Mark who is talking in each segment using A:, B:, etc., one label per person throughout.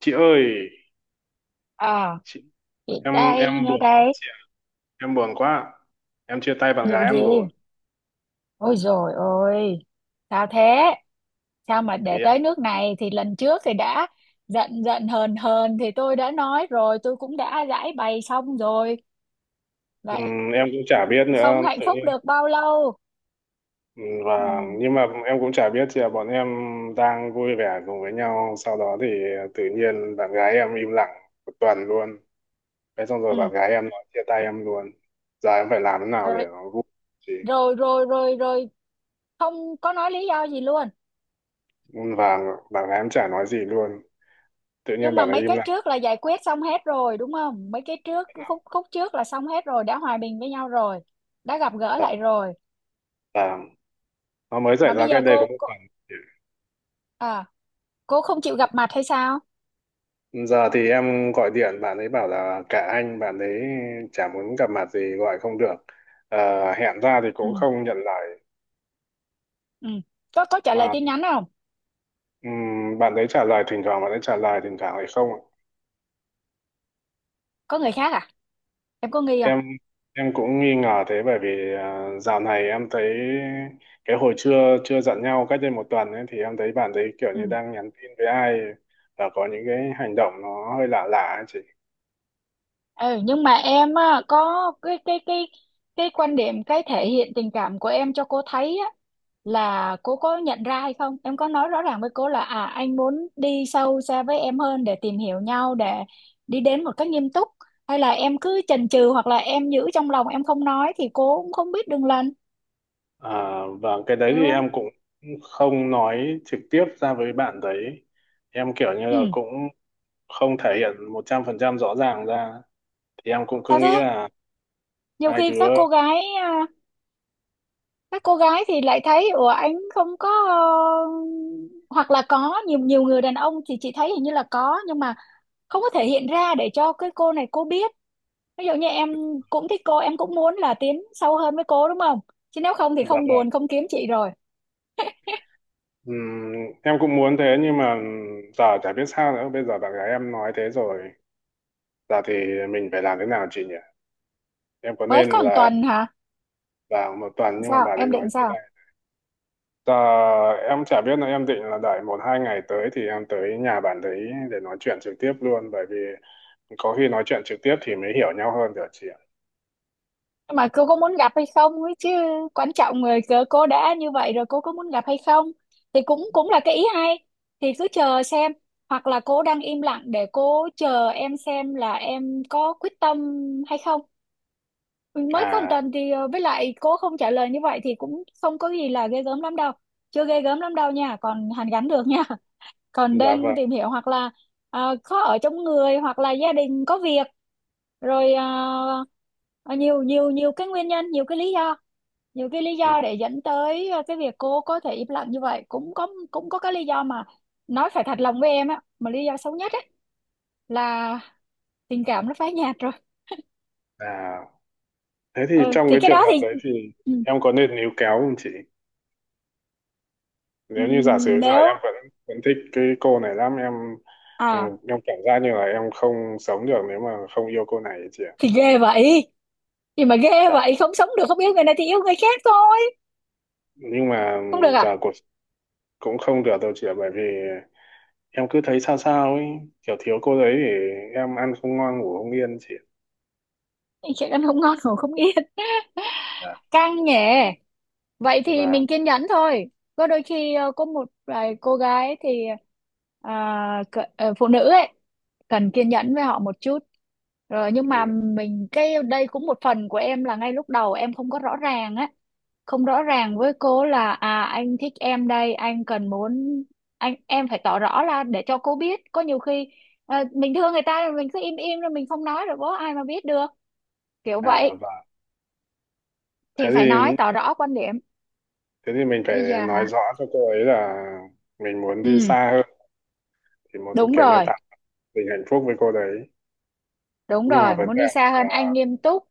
A: Chị ơi,
B: À,
A: chị,
B: chị
A: em
B: đây,
A: em
B: nghe
A: buồn quá
B: đây.
A: chị ạ. Em buồn quá. Em chia tay bạn
B: Vụ
A: gái
B: gì?
A: em rồi.
B: Ôi dồi ôi, sao thế? Sao mà
A: thì
B: để
A: em,
B: tới nước này thì lần trước thì đã giận giận hờn hờn thì tôi đã nói rồi, tôi cũng đã giải bày xong rồi. Vậy
A: ừm, em cũng chả biết nữa,
B: không hạnh
A: tự
B: phúc
A: nhiên.
B: được bao lâu.
A: Và
B: Ừ,
A: nhưng mà em cũng chả biết chị ạ, bọn em đang vui vẻ cùng với nhau, sau đó thì tự nhiên bạn gái em im lặng một tuần luôn. Thế xong rồi
B: ừ.
A: bạn gái em nói chia tay em luôn. Giờ em phải làm thế nào
B: Rồi,
A: để nó vui chị?
B: rồi, không có nói lý do gì luôn.
A: Và bạn gái em chả nói gì luôn. Tự nhiên
B: Nhưng mà
A: bạn ấy
B: mấy
A: im
B: cái
A: lặng.
B: trước là giải quyết xong hết rồi, đúng không? Mấy cái trước, khúc trước là xong hết rồi, đã hòa bình với nhau rồi, đã gặp gỡ
A: Thật
B: lại rồi.
A: là nó mới xảy
B: Mà bây
A: ra
B: giờ
A: cách đây
B: cô,
A: có một
B: cô...
A: tuần.
B: À, cô không chịu gặp mặt hay sao?
A: Giờ thì em gọi điện bạn ấy bảo là cả anh, bạn ấy chả muốn gặp mặt gì, gọi không được. Hẹn ra thì
B: Ừ,
A: cũng không nhận lời.
B: ừ. Có trả lời
A: Mà
B: tin nhắn không?
A: bạn ấy trả lời thỉnh thoảng, bạn ấy trả lời thỉnh thoảng lại không.
B: Có người khác à? Em có nghi không?
A: Em em cũng nghi ngờ thế, bởi vì dạo này em thấy cái hồi chưa chưa giận nhau cách đây một tuần ấy, thì em thấy bạn ấy kiểu như
B: Ừ,
A: đang nhắn tin với ai, và có những cái hành động nó hơi lạ lạ ấy chị.
B: ừ, nhưng mà em á, có cái cái quan điểm, cái thể hiện tình cảm của em cho cô thấy á, là cô có nhận ra hay không? Em có nói rõ ràng với cô là à, anh muốn đi sâu xa với em hơn để tìm hiểu nhau, để đi đến một cách nghiêm túc, hay là em cứ chần chừ hoặc là em giữ trong lòng em không nói thì cô cũng không biết đường lần.
A: À, và cái đấy
B: Hiểu
A: thì
B: không?
A: em cũng không nói trực tiếp ra với bạn đấy. Em kiểu như
B: Ừ,
A: là cũng không thể hiện 100% rõ ràng ra. Thì em cũng cứ
B: sao
A: nghĩ
B: thế?
A: là
B: Nhiều
A: hai
B: khi
A: đứa,
B: các cô gái các cô gái thì lại thấy ủa anh không có, hoặc là có nhiều nhiều người đàn ông thì chị thấy hình như là có nhưng mà không có thể hiện ra để cho cái cô này cô biết. Ví dụ như em cũng thích cô, em cũng muốn là tiến sâu hơn với cô, đúng không? Chứ nếu không thì
A: dạ
B: không
A: vâng.
B: buồn, không kiếm chị rồi.
A: Ừm, em cũng muốn thế, nhưng mà giờ chả biết sao nữa. Bây giờ bạn gái em nói thế rồi. Giờ thì mình phải làm thế nào chị nhỉ? Em có
B: Mới
A: nên
B: còn
A: là
B: tuần hả?
A: vào một tuần, nhưng mà bà
B: Sao
A: ấy
B: em
A: nói
B: định
A: chưa.
B: sao?
A: Ờ, em chả biết nữa, em định là đợi một hai ngày tới thì em tới nhà bạn đấy để nói chuyện trực tiếp luôn, bởi vì có khi nói chuyện trực tiếp thì mới hiểu nhau hơn được chị ạ.
B: Nhưng mà cô có muốn gặp hay không ấy chứ. Quan trọng người cớ cô đã như vậy rồi cô có muốn gặp hay không, thì cũng cũng là cái ý hay, thì cứ chờ xem. Hoặc là cô đang im lặng để cô chờ em xem là em có quyết tâm hay không. Mới có một
A: À,
B: tuần thì với lại cô không trả lời như vậy thì cũng không có gì là ghê gớm lắm đâu, chưa ghê gớm lắm đâu nha, còn hàn gắn được nha. Còn
A: dạ vâng.
B: đang tìm hiểu, hoặc là khó ở trong người, hoặc là gia đình có việc rồi, à, à, nhiều nhiều nhiều cái nguyên nhân, nhiều cái lý do, nhiều cái lý
A: Ừ.
B: do để dẫn tới à, cái việc cô có thể im lặng như vậy, cũng có, cũng có cái lý do mà. Nói phải thật lòng với em á, mà lý do xấu nhất ấy là tình cảm nó phai nhạt rồi.
A: À, thế thì
B: Ừ
A: trong
B: thì
A: cái
B: cái
A: trường
B: đó
A: hợp
B: thì
A: đấy thì
B: ừ,
A: em có nên níu kéo không chị?
B: ừ,
A: Nếu như giả sử giờ em
B: nếu
A: vẫn vẫn thích cái cô này lắm em. ừ,
B: à
A: em cảm giác như là em không sống được nếu mà không yêu cô này ấy chị ạ.
B: thì ghê vậy. Gì mà ghê
A: Dạ.
B: vậy, không sống được, không yêu người này thì yêu người khác thôi.
A: Nhưng mà
B: Không được
A: giờ
B: à?
A: cuộc cũng không được đâu chị ạ, bởi vì em cứ thấy sao sao ấy, kiểu thiếu cô đấy để em ăn không ngon ngủ không yên chị.
B: Chuyện ăn không ngon ngủ không yên.
A: Dạ.
B: Căng nhẹ. Vậy thì
A: và
B: mình kiên nhẫn thôi. Có đôi khi có một vài cô gái thì à, phụ nữ ấy, cần kiên nhẫn với họ một chút. Rồi nhưng
A: ừ,
B: mà mình cái đây cũng một phần của em là ngay lúc đầu em không có rõ ràng á, không rõ ràng với cô là à, anh thích em đây, anh cần muốn, anh em phải tỏ rõ ra để cho cô biết. Có nhiều khi mình thương người ta rồi mình cứ im im rồi mình không nói rồi có ai mà biết được. Kiểu
A: à
B: vậy
A: và thế
B: thì phải nói
A: thì
B: tỏ rõ quan điểm.
A: thế thì mình phải
B: Bây giờ
A: nói
B: hả?
A: rõ cho cô ấy là mình muốn đi
B: Ừ.
A: xa hơn, thì muốn
B: Đúng
A: kiểu như
B: rồi,
A: tạo tình hạnh phúc với cô đấy.
B: đúng
A: Nhưng mà
B: rồi,
A: vấn
B: muốn
A: đề
B: đi xa hơn,
A: là
B: anh nghiêm túc.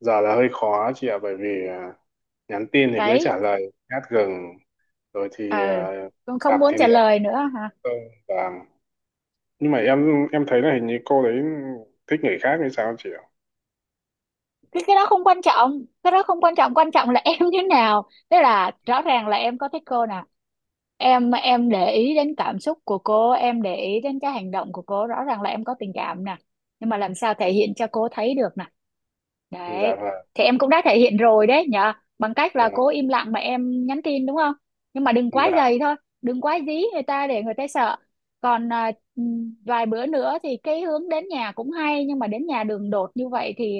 A: giờ là hơi khó chị ạ, bởi vì nhắn tin thì cứ
B: Đấy.
A: trả lời nhát gừng, rồi thì
B: Ờ, con không
A: gặp
B: muốn
A: thì
B: trả
A: nửa
B: lời nữa hả?
A: không. Và nhưng mà em thấy là hình như cô đấy thích người khác hay sao chị ạ?
B: Cái đó không quan trọng, cái đó không quan trọng, quan trọng là em như thế nào. Tức là rõ ràng là em có thích cô nè, em để ý đến cảm xúc của cô, em để ý đến cái hành động của cô, rõ ràng là em có tình cảm nè, nhưng mà làm sao thể hiện cho cô thấy được nè.
A: Dạ
B: Đấy,
A: vâng.
B: thì em cũng đã thể hiện rồi đấy nhở, bằng cách
A: Dạ,
B: là cô
A: vâng.
B: im lặng mà em nhắn tin, đúng không? Nhưng mà đừng quá
A: Và
B: dày thôi, đừng quá dí người ta để người ta sợ. Còn à, vài bữa nữa thì cái hướng đến nhà cũng hay, nhưng mà đến nhà đường đột như vậy thì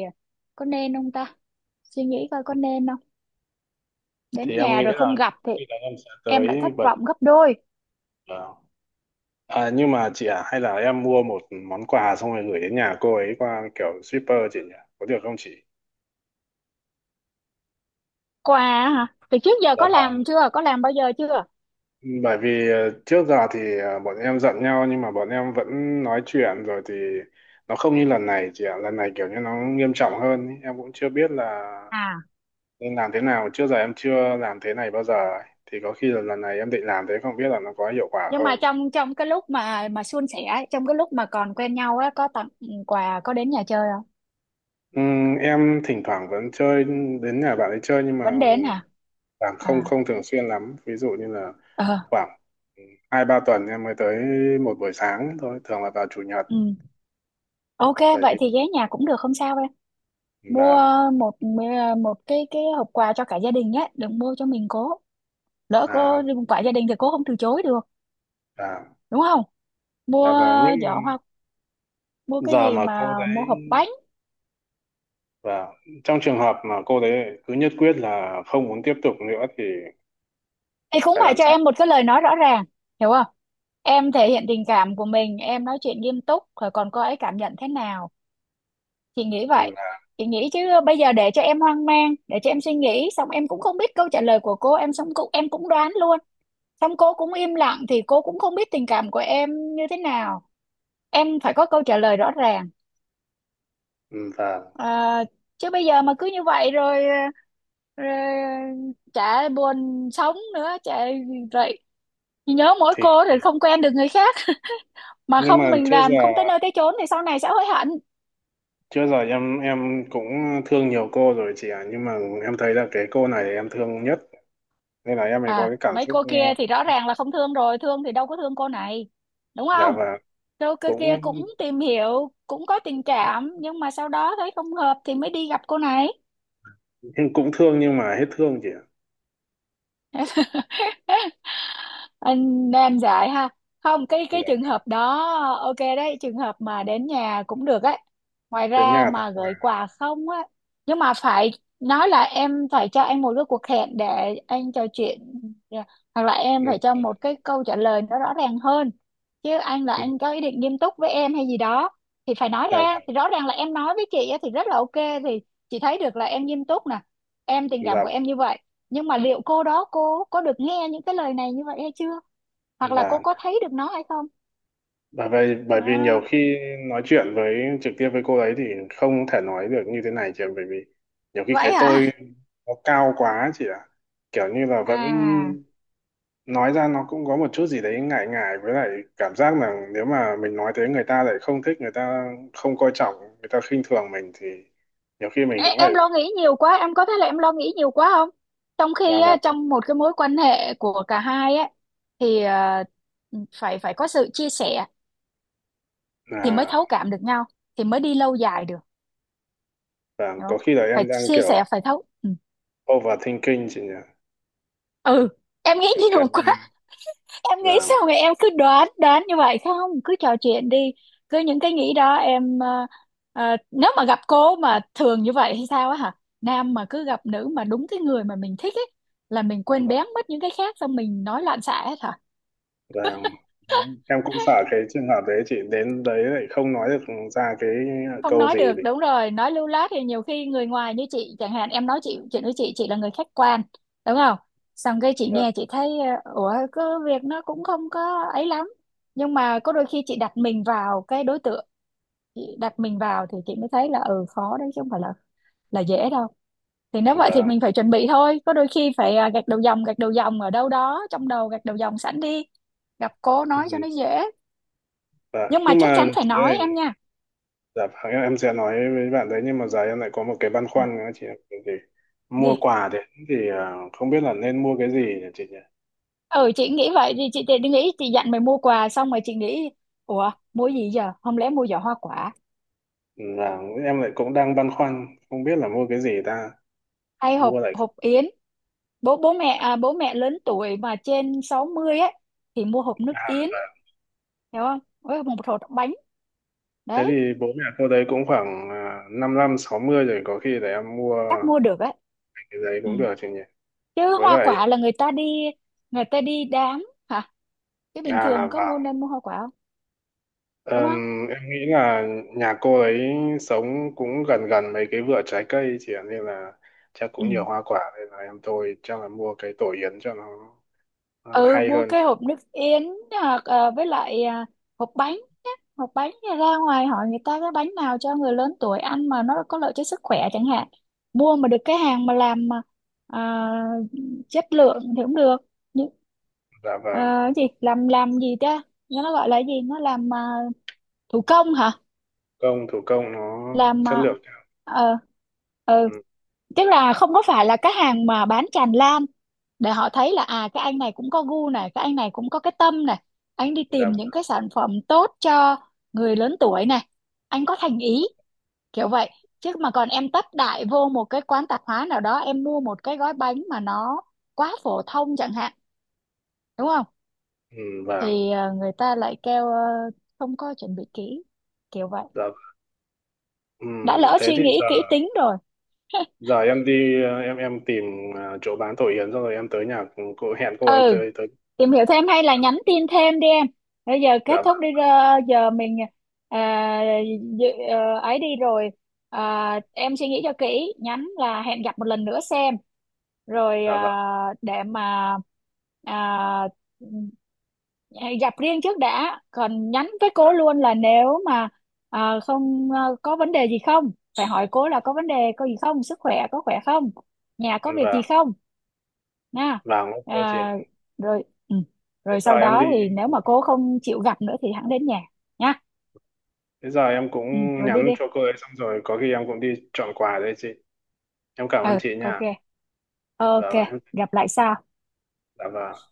B: có nên không ta. Suy nghĩ coi có nên không,
A: thì
B: đến
A: em
B: nhà
A: nghĩ
B: rồi không
A: là
B: gặp thì
A: khi là em sẽ
B: em lại
A: tới
B: thất
A: bật,
B: vọng gấp đôi.
A: ờ, nhưng mà chị à, hay là em mua một món quà xong rồi gửi đến nhà cô ấy qua kiểu shipper chị nhỉ, có được không chị?
B: Quà hả? Từ trước giờ
A: Dạ
B: có
A: vâng.
B: làm chưa, có làm bao giờ chưa?
A: Bởi vì trước giờ thì bọn em giận nhau nhưng mà bọn em vẫn nói chuyện, rồi thì nó không như lần này chị ạ. Lần này kiểu như nó nghiêm trọng hơn ý. Em cũng chưa biết là
B: À,
A: nên làm thế nào, trước giờ em chưa làm thế này bao giờ ấy. Thì có khi là lần này em định làm thế, không biết là nó có hiệu quả
B: nhưng
A: không.
B: mà trong trong cái lúc mà suôn sẻ ấy, trong cái lúc mà còn quen nhau á, có tặng quà, có đến nhà chơi không?
A: Em thỉnh thoảng vẫn chơi, đến nhà bạn ấy chơi nhưng mà
B: Vẫn đến hả?
A: bạn không
B: À,
A: không thường xuyên lắm. Ví dụ như là
B: ờ,
A: khoảng hai ba tuần em mới tới một buổi sáng thôi, thường là vào chủ nhật.
B: ừ. Ok,
A: Bởi
B: vậy
A: vì
B: thì ghé nhà cũng được, không sao em. Mua
A: và
B: một một cái hộp quà cho cả gia đình nhé, đừng mua cho mình cố, lỡ cô,
A: à
B: quả gia đình thì cô không từ chối được,
A: và
B: đúng không? Mua
A: và những
B: giỏ hoa, mua cái
A: giờ
B: gì,
A: mà cô
B: mà
A: đấy,
B: mua hộp bánh.
A: và trong trường hợp mà cô đấy cứ nhất quyết là không muốn tiếp tục nữa thì
B: Thì cũng
A: phải
B: phải
A: làm
B: cho
A: sao?
B: em một cái lời nói rõ ràng. Hiểu không? Em thể hiện tình cảm của mình, em nói chuyện nghiêm túc rồi, còn cô ấy cảm nhận thế nào. Chị nghĩ vậy,
A: Ừm, và,
B: chị nghĩ chứ. Bây giờ để cho em hoang mang, để cho em suy nghĩ xong em cũng không biết câu trả lời của cô, em xong cũng em cũng đoán luôn, xong cô cũng im lặng thì cô cũng không biết tình cảm của em như thế nào. Em phải có câu trả lời rõ ràng.
A: và
B: À, chứ bây giờ mà cứ như vậy rồi rồi chả buồn sống nữa chả vậy. Chị nhớ mỗi
A: thì
B: cô thì không quen được người khác, mà
A: nhưng
B: không
A: mà
B: mình
A: trước
B: làm
A: giờ.
B: không tới nơi tới chốn thì sau này sẽ hối hận.
A: Trước giờ em cũng thương nhiều cô rồi chị ạ, nhưng mà em thấy là cái cô này em thương nhất, nên là em mới có
B: À,
A: cái cảm
B: mấy
A: xúc.
B: cô
A: Ờ,
B: kia thì rõ ràng là không thương rồi, thương thì đâu có thương cô này, đúng
A: dạ.
B: không?
A: Và
B: cô kia
A: cũng
B: kia cũng tìm hiểu, cũng có tình cảm, nhưng mà sau đó thấy không hợp thì mới đi gặp cô này.
A: cũng thương nhưng mà hết thương chị ạ.
B: Anh nam dại ha. Không, cái
A: Dạ
B: cái trường
A: vâng.
B: hợp đó. Ok, đấy trường hợp mà đến nhà cũng được ấy, ngoài
A: Đến
B: ra
A: nhà thật
B: mà
A: là.
B: gửi quà không á. Nhưng mà phải nói là em phải cho anh một cái cuộc hẹn để anh trò chuyện, yeah, hoặc là em
A: ừ,
B: phải cho một cái câu trả lời nó rõ ràng hơn, chứ anh là
A: ừ,
B: anh có ý định nghiêm túc với em hay gì đó, thì phải nói
A: dạ
B: ra.
A: vâng.
B: Thì rõ ràng là em nói với chị á thì rất là ok, thì chị thấy được là em nghiêm túc nè, em tình cảm của em như vậy, nhưng mà liệu cô đó cô có được nghe những cái lời này như vậy hay chưa, hoặc là
A: Dạ.
B: cô có thấy được nó hay không.
A: Và bởi vì nhiều
B: Đó.
A: khi nói chuyện với trực tiếp với cô ấy thì không thể nói được như thế này chị ạ, bởi vì nhiều khi cái
B: Vậy hả?
A: tôi nó cao quá chị ạ. Kiểu như là vẫn
B: À,
A: nói ra nó cũng có một chút gì đấy ngại ngại, với lại cảm giác là nếu mà mình nói thế người ta lại không thích, người ta không coi trọng người ta khinh thường mình thì nhiều khi mình
B: em,
A: cũng lại
B: em lo nghĩ nhiều quá, em có thấy là em lo nghĩ nhiều quá không? Trong khi
A: làm
B: á,
A: vào,
B: trong một cái mối quan hệ của cả hai á, thì phải phải có sự chia sẻ, thì mới
A: là
B: thấu cảm được nhau, thì mới đi lâu dài được.
A: và
B: Hiểu không?
A: có khi là
B: Phải
A: em đang
B: chia
A: kiểu
B: sẻ, phải thấu, ừ,
A: overthinking chị nhỉ,
B: ừ. Em nghĩ
A: kiểu
B: nhiều
A: như
B: quá. Em nghĩ sao
A: là.
B: mà em cứ đoán đoán như vậy, không cứ trò chuyện đi. Cứ những cái nghĩ đó em nếu mà gặp cô mà thường như vậy hay sao á hả? Nam mà cứ gặp nữ mà đúng cái người mà mình thích ấy, là mình quên
A: và,
B: bén mất những cái khác, xong mình nói loạn xạ hết hả?
A: và em cũng sợ cái trường hợp đấy chị, đến đấy lại không nói được ra cái
B: Không
A: câu
B: nói
A: gì thì.
B: được, đúng rồi, nói lưu loát thì nhiều khi người ngoài như chị chẳng hạn, em nói chị, chuyện với chị là người khách quan, đúng không? Xong cái chị
A: và
B: nghe chị thấy ủa có việc nó cũng không có ấy lắm, nhưng mà có đôi khi chị đặt mình vào cái đối tượng, chị đặt mình vào thì chị mới thấy là ừ khó đấy, chứ không phải là dễ đâu. Thì nếu vậy thì
A: và
B: mình phải chuẩn bị thôi, có đôi khi phải à, gạch đầu dòng, gạch đầu dòng ở đâu đó trong đầu, gạch đầu dòng sẵn đi, gặp cô nói cho nó dễ.
A: và
B: Nhưng mà
A: nhưng
B: chắc
A: mà
B: chắn phải
A: chị
B: nói em
A: ơi.
B: nha.
A: Dạ vâng, em sẽ nói với bạn đấy, nhưng mà giờ em lại có một cái băn
B: À,
A: khoăn nữa chị ạ. Thì mua
B: gì?
A: quà đấy thì không biết là nên mua cái gì nhỉ chị nhỉ?
B: Ừ chị nghĩ vậy, thì chị thì nghĩ chị dặn mày mua quà xong rồi chị nghĩ ủa mua gì giờ, không lẽ mua giỏ hoa quả,
A: Là em lại cũng đang băn khoăn không biết là mua cái gì ta.
B: hay
A: Mua
B: hộp
A: lại.
B: hộp yến. Bố bố mẹ, à, bố mẹ lớn tuổi mà trên 60 ấy, thì mua hộp nước yến, hiểu không, với một hộp bánh.
A: Thế
B: Đấy,
A: thì bố mẹ cô đấy cũng khoảng năm năm sáu mươi rồi, có khi để em mua
B: chắc mua được á.
A: cái đấy
B: Ừ.
A: cũng được chị nhỉ.
B: Chứ
A: Với
B: hoa
A: lại.
B: quả là người ta đi, người ta đi đám hả? Chứ bình
A: À
B: thường có
A: và
B: mua, nên mua hoa quả không,
A: Ờ,
B: đúng không?
A: em nghĩ là nhà cô ấy sống cũng gần gần mấy cái vựa trái cây chị ạ, nên là chắc
B: Ừ,
A: cũng nhiều hoa quả, nên là em tôi chắc là mua cái tổ yến cho nó
B: ừ,
A: hay
B: mua
A: hơn.
B: cái hộp nước yến, hoặc với lại hộp bánh á. Hộp bánh thì ra ngoài hỏi người ta cái bánh nào cho người lớn tuổi ăn mà nó có lợi cho sức khỏe chẳng hạn, mua mà được cái hàng mà làm mà ờ, chất lượng thì cũng được, nhưng
A: Dạ
B: ờ,
A: vâng.
B: cái gì làm gì ta, nó gọi là cái gì nó làm thủ công hả,
A: Công thủ công nó
B: làm
A: chất
B: à,
A: lượng.
B: ờ, ờ,
A: Ừ.
B: tức là không có phải là cái hàng mà bán tràn lan, để họ thấy là à cái anh này cũng có gu này, cái anh này cũng có cái tâm này, anh đi tìm những
A: Dạ.
B: cái sản phẩm tốt cho người lớn tuổi này, anh có thành ý, kiểu vậy. Chứ mà còn em tấp đại vô một cái quán tạp hóa nào đó em mua một cái gói bánh mà nó quá phổ thông chẳng hạn, đúng không,
A: Ừ. Vâng.
B: thì người ta lại kêu không có chuẩn bị kỹ, kiểu vậy.
A: Dạ. Ừ.
B: Đã lỡ
A: Thế
B: suy
A: thì
B: nghĩ
A: giờ
B: kỹ tính rồi.
A: giờ em đi, em tìm chỗ bán tổ yến xong rồi em tới nhà cô, hẹn cô ấy
B: Ừ,
A: tới tới.
B: tìm hiểu thêm hay là nhắn tin thêm đi em. Bây giờ kết
A: Dạ
B: thúc
A: vâng.
B: đi giờ mình à, ấy đi rồi. À, em suy nghĩ cho kỹ, nhắn là hẹn gặp một lần nữa xem, rồi
A: Dạ vâng.
B: à, để mà à, gặp riêng trước đã, còn nhắn với cô luôn là nếu mà à, không à, có vấn đề gì không, phải hỏi cô là có vấn đề có gì không, sức khỏe có khỏe không, nhà có việc
A: Vâng.
B: gì không, nha.
A: Vâng, ok
B: Ờ,
A: chị ạ.
B: rồi ừ.
A: Thế
B: Rồi
A: giờ
B: sau
A: em
B: đó
A: đi.
B: thì nếu mà cô không chịu gặp nữa thì hẵng đến nhà nha.
A: Thế giờ em cũng
B: Ừ. Rồi đi
A: nhắn
B: đi.
A: cho cô ấy xong rồi có khi em cũng đi chọn quà đây chị. Em cảm ơn
B: Ừ,
A: chị
B: ok,
A: nha. Và
B: ok,
A: em,
B: gặp lại sau.
A: dạ vâng.